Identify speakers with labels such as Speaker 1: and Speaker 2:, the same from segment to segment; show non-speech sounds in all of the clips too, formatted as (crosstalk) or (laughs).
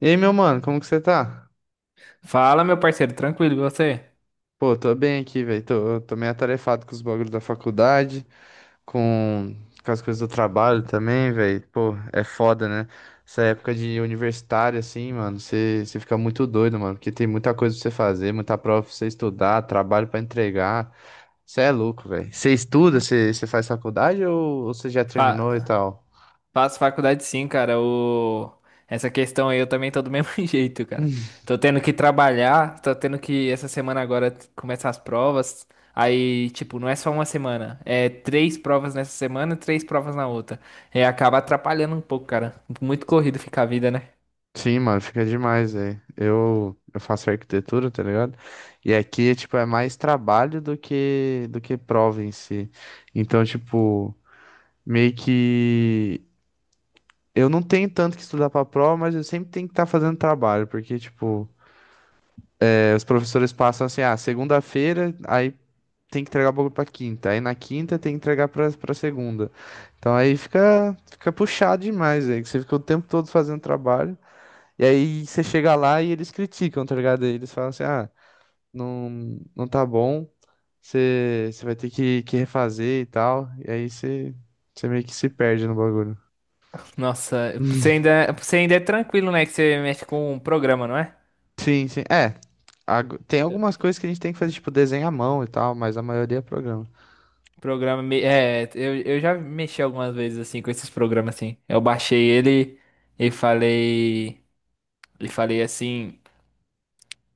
Speaker 1: E aí, meu mano, como que você tá?
Speaker 2: Fala, meu parceiro, tranquilo, e você?
Speaker 1: Pô, tô bem aqui, velho. Tô meio atarefado com os bagulhos da faculdade, com, com as coisas do trabalho também, velho. Pô, é foda, né? Essa época de universitário, assim, mano, você fica muito doido, mano, porque tem muita coisa pra você fazer, muita prova pra você estudar, trabalho pra entregar. Você é louco, velho. Você estuda, você faz faculdade ou você já terminou e
Speaker 2: Fa-
Speaker 1: tal?
Speaker 2: Faço faculdade sim, cara. Essa questão aí eu também tô do mesmo (laughs) jeito, cara. Tô tendo que trabalhar, tô tendo que essa semana agora começar as provas. Aí, tipo, não é só uma semana, é três provas nessa semana, e três provas na outra. É, acaba atrapalhando um pouco, cara. Muito corrido fica a vida, né?
Speaker 1: Sim, mano, fica demais aí. Eu faço arquitetura, tá ligado? E aqui, tipo, é mais trabalho do que prova em si. Então, tipo, meio que eu não tenho tanto que estudar pra prova, mas eu sempre tenho que estar fazendo trabalho, porque, tipo, é, os professores passam assim, ah, segunda-feira, aí tem que entregar o bagulho pra quinta, aí na quinta tem que entregar pra segunda. Então aí fica puxado demais aí, que você fica o tempo todo fazendo trabalho. E aí você chega lá e eles criticam, tá ligado? Eles falam assim, ah, não, não tá bom, você vai ter que refazer e tal. E aí você meio que se perde no bagulho.
Speaker 2: Nossa, você ainda é tranquilo, né? Que você mexe com um programa, não é?
Speaker 1: Sim, sim. É, tem algumas coisas que a gente tem que fazer, tipo, desenho à mão e tal, mas a maioria é programa.
Speaker 2: Programa. É, eu já mexi algumas vezes assim com esses programas assim. Eu baixei ele e falei. E falei assim.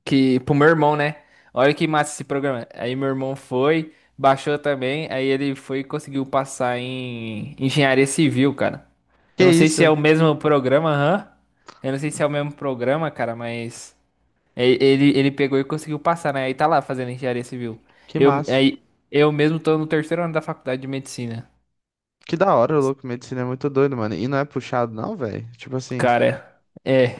Speaker 2: Que pro meu irmão, né? Olha que massa esse programa. Aí meu irmão foi, baixou também. Aí ele foi e conseguiu passar em engenharia civil, cara. Eu
Speaker 1: Que
Speaker 2: não sei se é
Speaker 1: isso?
Speaker 2: o mesmo programa, hã? Eu não sei se é o mesmo programa, cara, mas. Ele pegou e conseguiu passar, né? Aí tá lá fazendo engenharia civil.
Speaker 1: Que
Speaker 2: Eu,
Speaker 1: massa.
Speaker 2: aí, eu mesmo tô no terceiro ano da faculdade de medicina.
Speaker 1: Que da hora, louco. Medicina é muito doido, mano. E não é puxado, não, velho. Tipo assim,
Speaker 2: Cara,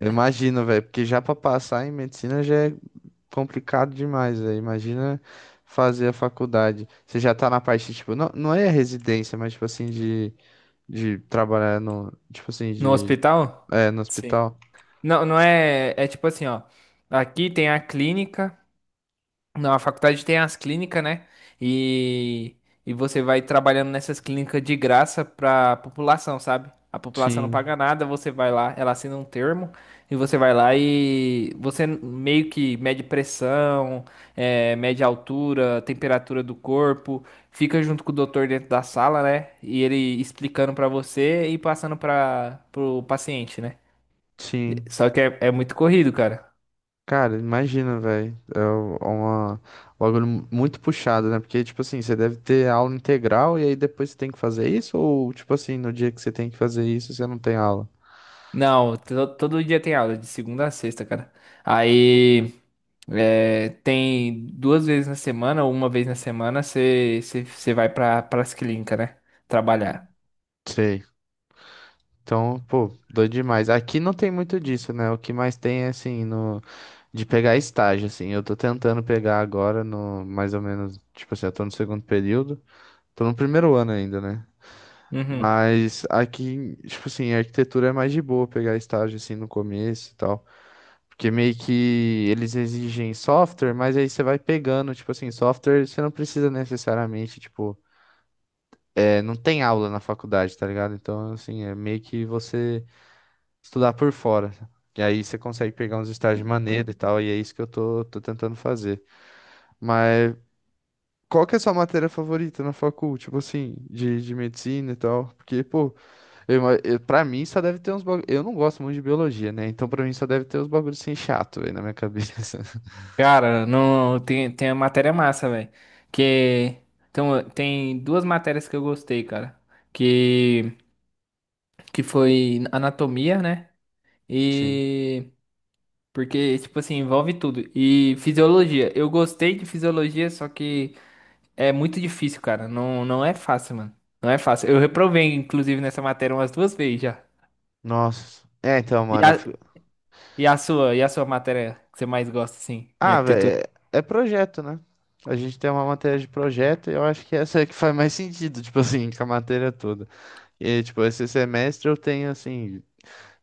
Speaker 1: eu imagino, velho, porque já pra passar em medicina já é complicado demais, velho. Imagina fazer a faculdade. Você já tá na parte, tipo, não, não é residência, mas, tipo assim, de, trabalhar no, tipo assim,
Speaker 2: No
Speaker 1: de,
Speaker 2: hospital?
Speaker 1: é, no
Speaker 2: Sim.
Speaker 1: hospital.
Speaker 2: Não, não é. É tipo assim, ó. Aqui tem a clínica. Não, a faculdade tem as clínicas, né? E, e você vai trabalhando nessas clínicas de graça pra população, sabe? A população não
Speaker 1: Sim,
Speaker 2: paga nada, você vai lá, ela assina um termo e você vai lá e você meio que mede pressão, mede altura, temperatura do corpo, fica junto com o doutor dentro da sala, né? E ele explicando pra você e passando para pro paciente, né?
Speaker 1: sim.
Speaker 2: Só que é muito corrido, cara.
Speaker 1: Cara, imagina, velho. É um bagulho muito puxado, né? Porque, tipo assim, você deve ter aula integral e aí depois você tem que fazer isso? Ou, tipo assim, no dia que você tem que fazer isso, você não tem aula?
Speaker 2: Não, todo dia tem aula, de segunda a sexta, cara. Aí tem duas vezes na semana, ou uma vez na semana, você vai pras clínicas, né? Trabalhar.
Speaker 1: Sei. Então, pô, doido demais. Aqui não tem muito disso, né? O que mais tem é assim, no, de pegar estágio, assim. Eu tô tentando pegar agora no mais ou menos, tipo assim, eu tô no segundo período. Tô no primeiro ano ainda, né?
Speaker 2: Uhum.
Speaker 1: Mas aqui, tipo assim, a arquitetura é mais de boa pegar estágio assim no começo e tal. Porque meio que eles exigem software, mas aí você vai pegando, tipo assim, software você não precisa necessariamente, tipo, é, não tem aula na faculdade, tá ligado? Então, assim, é meio que você estudar por fora. E aí você consegue pegar uns estágios maneiros e tal, e é isso que eu tô tentando fazer. Mas Qual que é a sua matéria favorita na facul? Tipo assim, de medicina e tal. Porque, pô, pra mim só deve ter uns bagulho. Eu não gosto muito de biologia, né? Então pra mim só deve ter uns bagulhos assim chato, velho, na minha cabeça. (laughs)
Speaker 2: Cara, não, tem a matéria massa, velho. Que então, tem duas matérias que eu gostei, cara. Que, que foi anatomia, né?
Speaker 1: Sim.
Speaker 2: E. Porque, tipo assim, envolve tudo. E fisiologia. Eu gostei de fisiologia, só que. É muito difícil, cara. Não, não é fácil, mano. Não é fácil. Eu reprovei, inclusive, nessa matéria umas duas vezes já.
Speaker 1: Nossa. É, então,
Speaker 2: E
Speaker 1: mano.
Speaker 2: a, e a sua matéria que você mais gosta, assim, em
Speaker 1: Ah, velho,
Speaker 2: arquitetura?
Speaker 1: é projeto, né? A gente tem uma matéria de projeto e eu acho que essa é que faz mais sentido, tipo assim, com a matéria toda. E, tipo, esse semestre eu tenho, assim,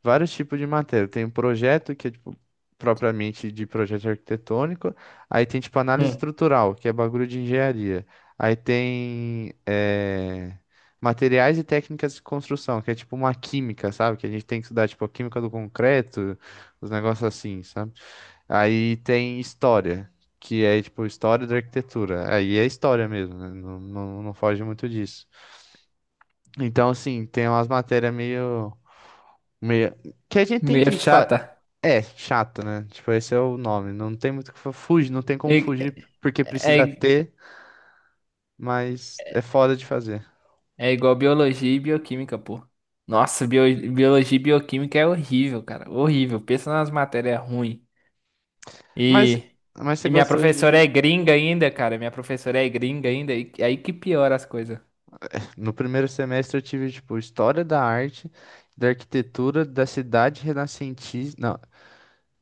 Speaker 1: vários tipos de matéria. Tem um projeto, que é tipo, propriamente de projeto arquitetônico. Aí tem tipo análise
Speaker 2: Hum,
Speaker 1: estrutural, que é bagulho de engenharia. Aí tem materiais e técnicas de construção, que é tipo uma química, sabe? Que a gente tem que estudar tipo a química do concreto, os negócios assim, sabe? Aí tem história. Que é tipo história da arquitetura. Aí é história mesmo, né? Não, não, não foge muito disso. Então, assim, tem umas matérias meio. Meio... Que a gente tem
Speaker 2: meio
Speaker 1: que fa...
Speaker 2: chata.
Speaker 1: É, chato, né? Tipo, esse é o nome. Não tem muito o que fugir, não tem
Speaker 2: É,
Speaker 1: como fugir porque precisa
Speaker 2: é,
Speaker 1: ter, mas é foda de fazer.
Speaker 2: é igual biologia e bioquímica, pô. Nossa, biologia e bioquímica é horrível, cara. Horrível. Pensa nas matérias ruins.
Speaker 1: Mas,
Speaker 2: E,
Speaker 1: mas você
Speaker 2: e minha
Speaker 1: gostou
Speaker 2: professora
Speaker 1: de.
Speaker 2: é gringa ainda, cara. Minha professora é gringa ainda. E aí que piora as coisas.
Speaker 1: No primeiro semestre eu tive, tipo, História da Arte, da Arquitetura, da Cidade Renascentista. Não,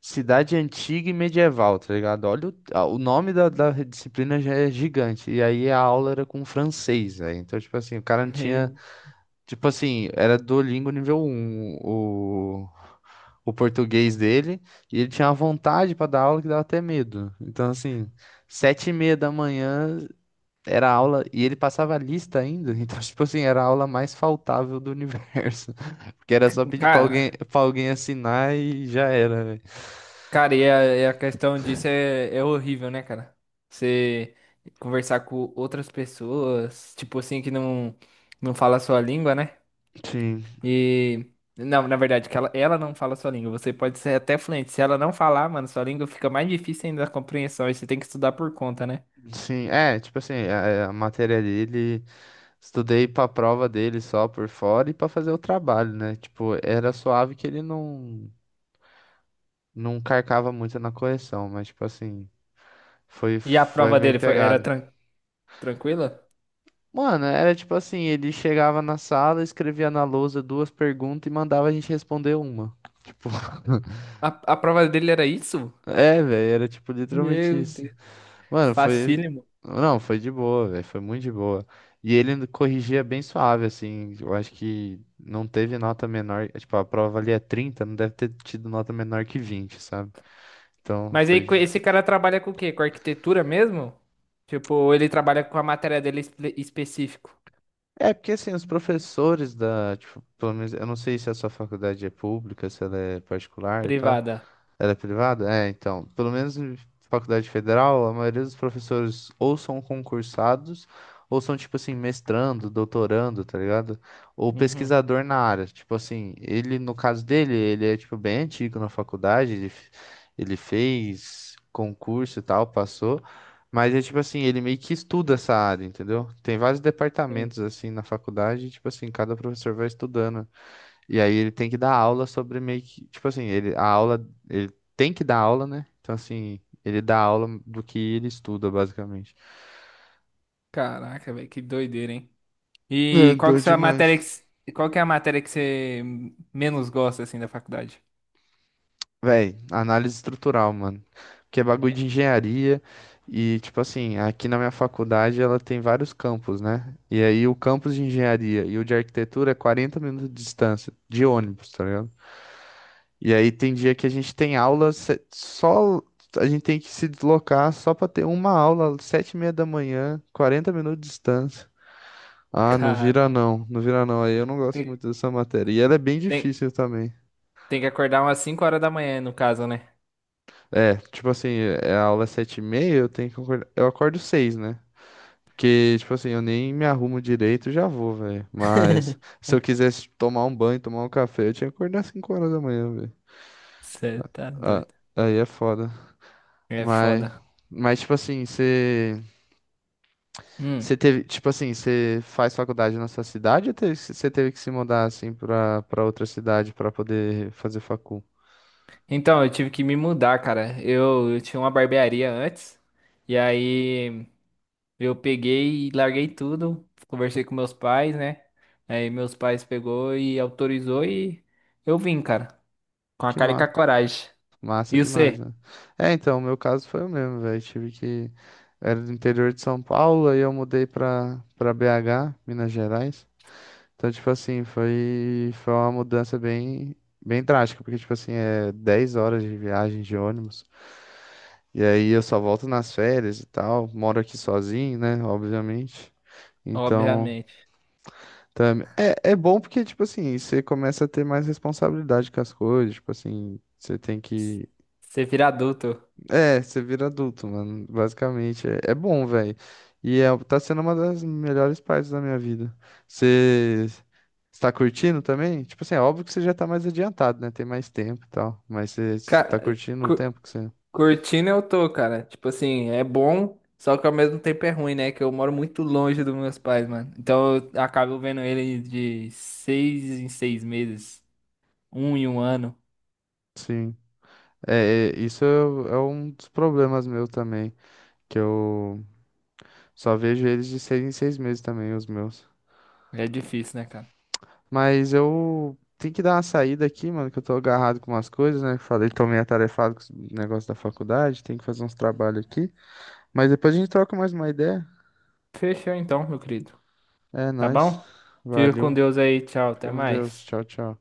Speaker 1: Cidade Antiga e Medieval, tá ligado? Olha o nome da disciplina já é gigante. E aí a aula era com francês, né? Então, tipo assim, o cara não tinha.
Speaker 2: Meu-
Speaker 1: Tipo assim, era Duolingo nível um o português dele, e ele tinha uma vontade pra dar aula que dava até medo. Então, assim, 7h30 da manhã era aula, e ele passava lista ainda, (laughs) então, tipo assim, era a aula mais faltável do universo. (laughs) Porque era só pedir pra alguém,
Speaker 2: Cara.
Speaker 1: pra alguém assinar e já era, velho.
Speaker 2: Cara, e a questão disso é, é horrível, né, cara? Você conversar com outras pessoas, tipo assim, que não fala a sua língua, né?
Speaker 1: Sim,
Speaker 2: E. Não, na verdade, que ela não fala a sua língua. Você pode ser até fluente. Se ela não falar, mano, sua língua fica mais difícil ainda a compreensão. E você tem que estudar por conta, né?
Speaker 1: sim, é, tipo assim, a matéria dele, estudei pra prova dele só por fora e pra fazer o trabalho, né? Tipo, era suave que ele não. Não carcava muito na correção, mas tipo assim,
Speaker 2: E a
Speaker 1: foi
Speaker 2: prova
Speaker 1: meio
Speaker 2: dele foi, era
Speaker 1: pegado.
Speaker 2: tranquila?
Speaker 1: Mano, era tipo assim, ele chegava na sala, escrevia na lousa duas perguntas e mandava a gente responder uma. Tipo, (laughs)
Speaker 2: A, a prova dele era isso?
Speaker 1: é, velho, era tipo literalmente
Speaker 2: Meu
Speaker 1: isso.
Speaker 2: Deus.
Speaker 1: Mano, foi.
Speaker 2: Facílimo.
Speaker 1: Não, foi de boa, velho, foi muito de boa. E ele corrigia bem suave, assim. Eu acho que não teve nota menor. Tipo, a prova ali é 30, não deve ter tido nota menor que 20, sabe? Então,
Speaker 2: Mas aí
Speaker 1: foi.
Speaker 2: esse cara trabalha com o quê? Com arquitetura mesmo? Tipo, ele trabalha com a matéria dele específico,
Speaker 1: É, porque assim, os professores da, tipo, pelo menos, eu não sei se a sua faculdade é pública, se ela é particular e tal.
Speaker 2: privada.
Speaker 1: Ela é privada? É, então, pelo menos em faculdade federal, a maioria dos professores ou são concursados, ou são, tipo assim, mestrando, doutorando, tá ligado? Ou
Speaker 2: Uhum.
Speaker 1: pesquisador na área. Tipo assim, ele, no caso dele, ele é, tipo, bem antigo na faculdade, ele fez concurso e tal, passou. Mas é tipo assim, ele meio que estuda essa área, entendeu? Tem vários
Speaker 2: Sim.
Speaker 1: departamentos assim na faculdade, e, tipo assim, cada professor vai estudando. E aí ele tem que dar aula sobre meio que, tipo assim, ele tem que dar aula, né? Então assim, ele dá aula do que ele estuda, basicamente.
Speaker 2: Caraca, velho, que doideira, hein?
Speaker 1: É,
Speaker 2: E qual
Speaker 1: doido
Speaker 2: que é a matéria que,
Speaker 1: demais.
Speaker 2: qual que é a matéria que você menos gosta assim da faculdade?
Speaker 1: Véi, análise estrutural, mano. Que é bagulho de engenharia e tipo assim, aqui na minha faculdade ela tem vários campos, né? E aí o campus de engenharia e o de arquitetura é 40 minutos de distância de ônibus, tá ligado? E aí tem dia que a gente tem aula, só a gente tem que se deslocar só para ter uma aula, 7h30 da manhã, 40 minutos de distância. Ah, não
Speaker 2: Cara,
Speaker 1: vira não, não vira não. Aí eu não gosto
Speaker 2: tem,
Speaker 1: muito dessa matéria. E ela é bem
Speaker 2: tem,
Speaker 1: difícil também.
Speaker 2: tem que acordar umas 5h da manhã, no caso, né?
Speaker 1: É, tipo assim, é a aula é 7h30, eu tenho que acordar. Eu acordo seis, né? Porque, tipo assim, eu nem me arrumo direito, e já vou, velho. Mas se eu
Speaker 2: (laughs)
Speaker 1: quisesse tomar um banho, tomar um café, eu tinha que acordar 5h da manhã, velho.
Speaker 2: Você tá
Speaker 1: Ah,
Speaker 2: doido.
Speaker 1: aí é foda.
Speaker 2: É
Speaker 1: Mas,
Speaker 2: foda.
Speaker 1: mas tipo assim, você.
Speaker 2: Hum.
Speaker 1: Você teve, tipo assim, você faz faculdade na sua cidade ou você teve que se mudar assim pra, outra cidade pra poder fazer facul?
Speaker 2: Então, eu tive que me mudar, cara. Eu tinha uma barbearia antes. E aí. Eu peguei e larguei tudo, conversei com meus pais, né? Aí meus pais pegou e autorizou e eu vim, cara, com a
Speaker 1: Que
Speaker 2: cara e com
Speaker 1: ma
Speaker 2: a coragem.
Speaker 1: massa
Speaker 2: E
Speaker 1: demais,
Speaker 2: você?
Speaker 1: né? É, então, o meu caso foi o mesmo, velho. Tive que. Era do interior de São Paulo, aí eu mudei pra, BH, Minas Gerais. Então, tipo assim, foi uma mudança bem, bem drástica, porque, tipo assim, é 10 horas de viagem de ônibus. E aí eu só volto nas férias e tal. Moro aqui sozinho, né? Obviamente. Então,
Speaker 2: Obviamente.
Speaker 1: também é bom porque, tipo assim, você começa a ter mais responsabilidade com as coisas, tipo assim, você tem que.
Speaker 2: Você vira adulto.
Speaker 1: É, você vira adulto, mano, basicamente. É, bom, velho. E é, tá sendo uma das melhores partes da minha vida. Você está curtindo também? Tipo assim, é óbvio que você já tá mais adiantado, né? Tem mais tempo e tal. Mas você tá
Speaker 2: Cara,
Speaker 1: curtindo o
Speaker 2: cu-
Speaker 1: tempo que você.
Speaker 2: curtindo eu tô, cara. Tipo assim, é bom, só que ao mesmo tempo é ruim, né? Que eu moro muito longe dos meus pais, mano. Então eu acabo vendo ele de seis em seis meses, um em um ano.
Speaker 1: Sim. É, isso é um dos problemas meu também. Que eu só vejo eles de seis em seis meses também, os meus.
Speaker 2: É difícil, né, cara?
Speaker 1: Mas eu tenho que dar uma saída aqui, mano, que eu tô agarrado com umas coisas, né? Falei, tô meio atarefado com os negócios da faculdade, tenho que fazer uns trabalhos aqui. Mas depois a gente troca mais uma ideia.
Speaker 2: Fechou então, meu querido.
Speaker 1: É
Speaker 2: Tá
Speaker 1: nóis.
Speaker 2: bom? Fica com
Speaker 1: Valeu.
Speaker 2: Deus aí. Tchau. Até
Speaker 1: Fica com Deus.
Speaker 2: mais.
Speaker 1: Tchau, tchau.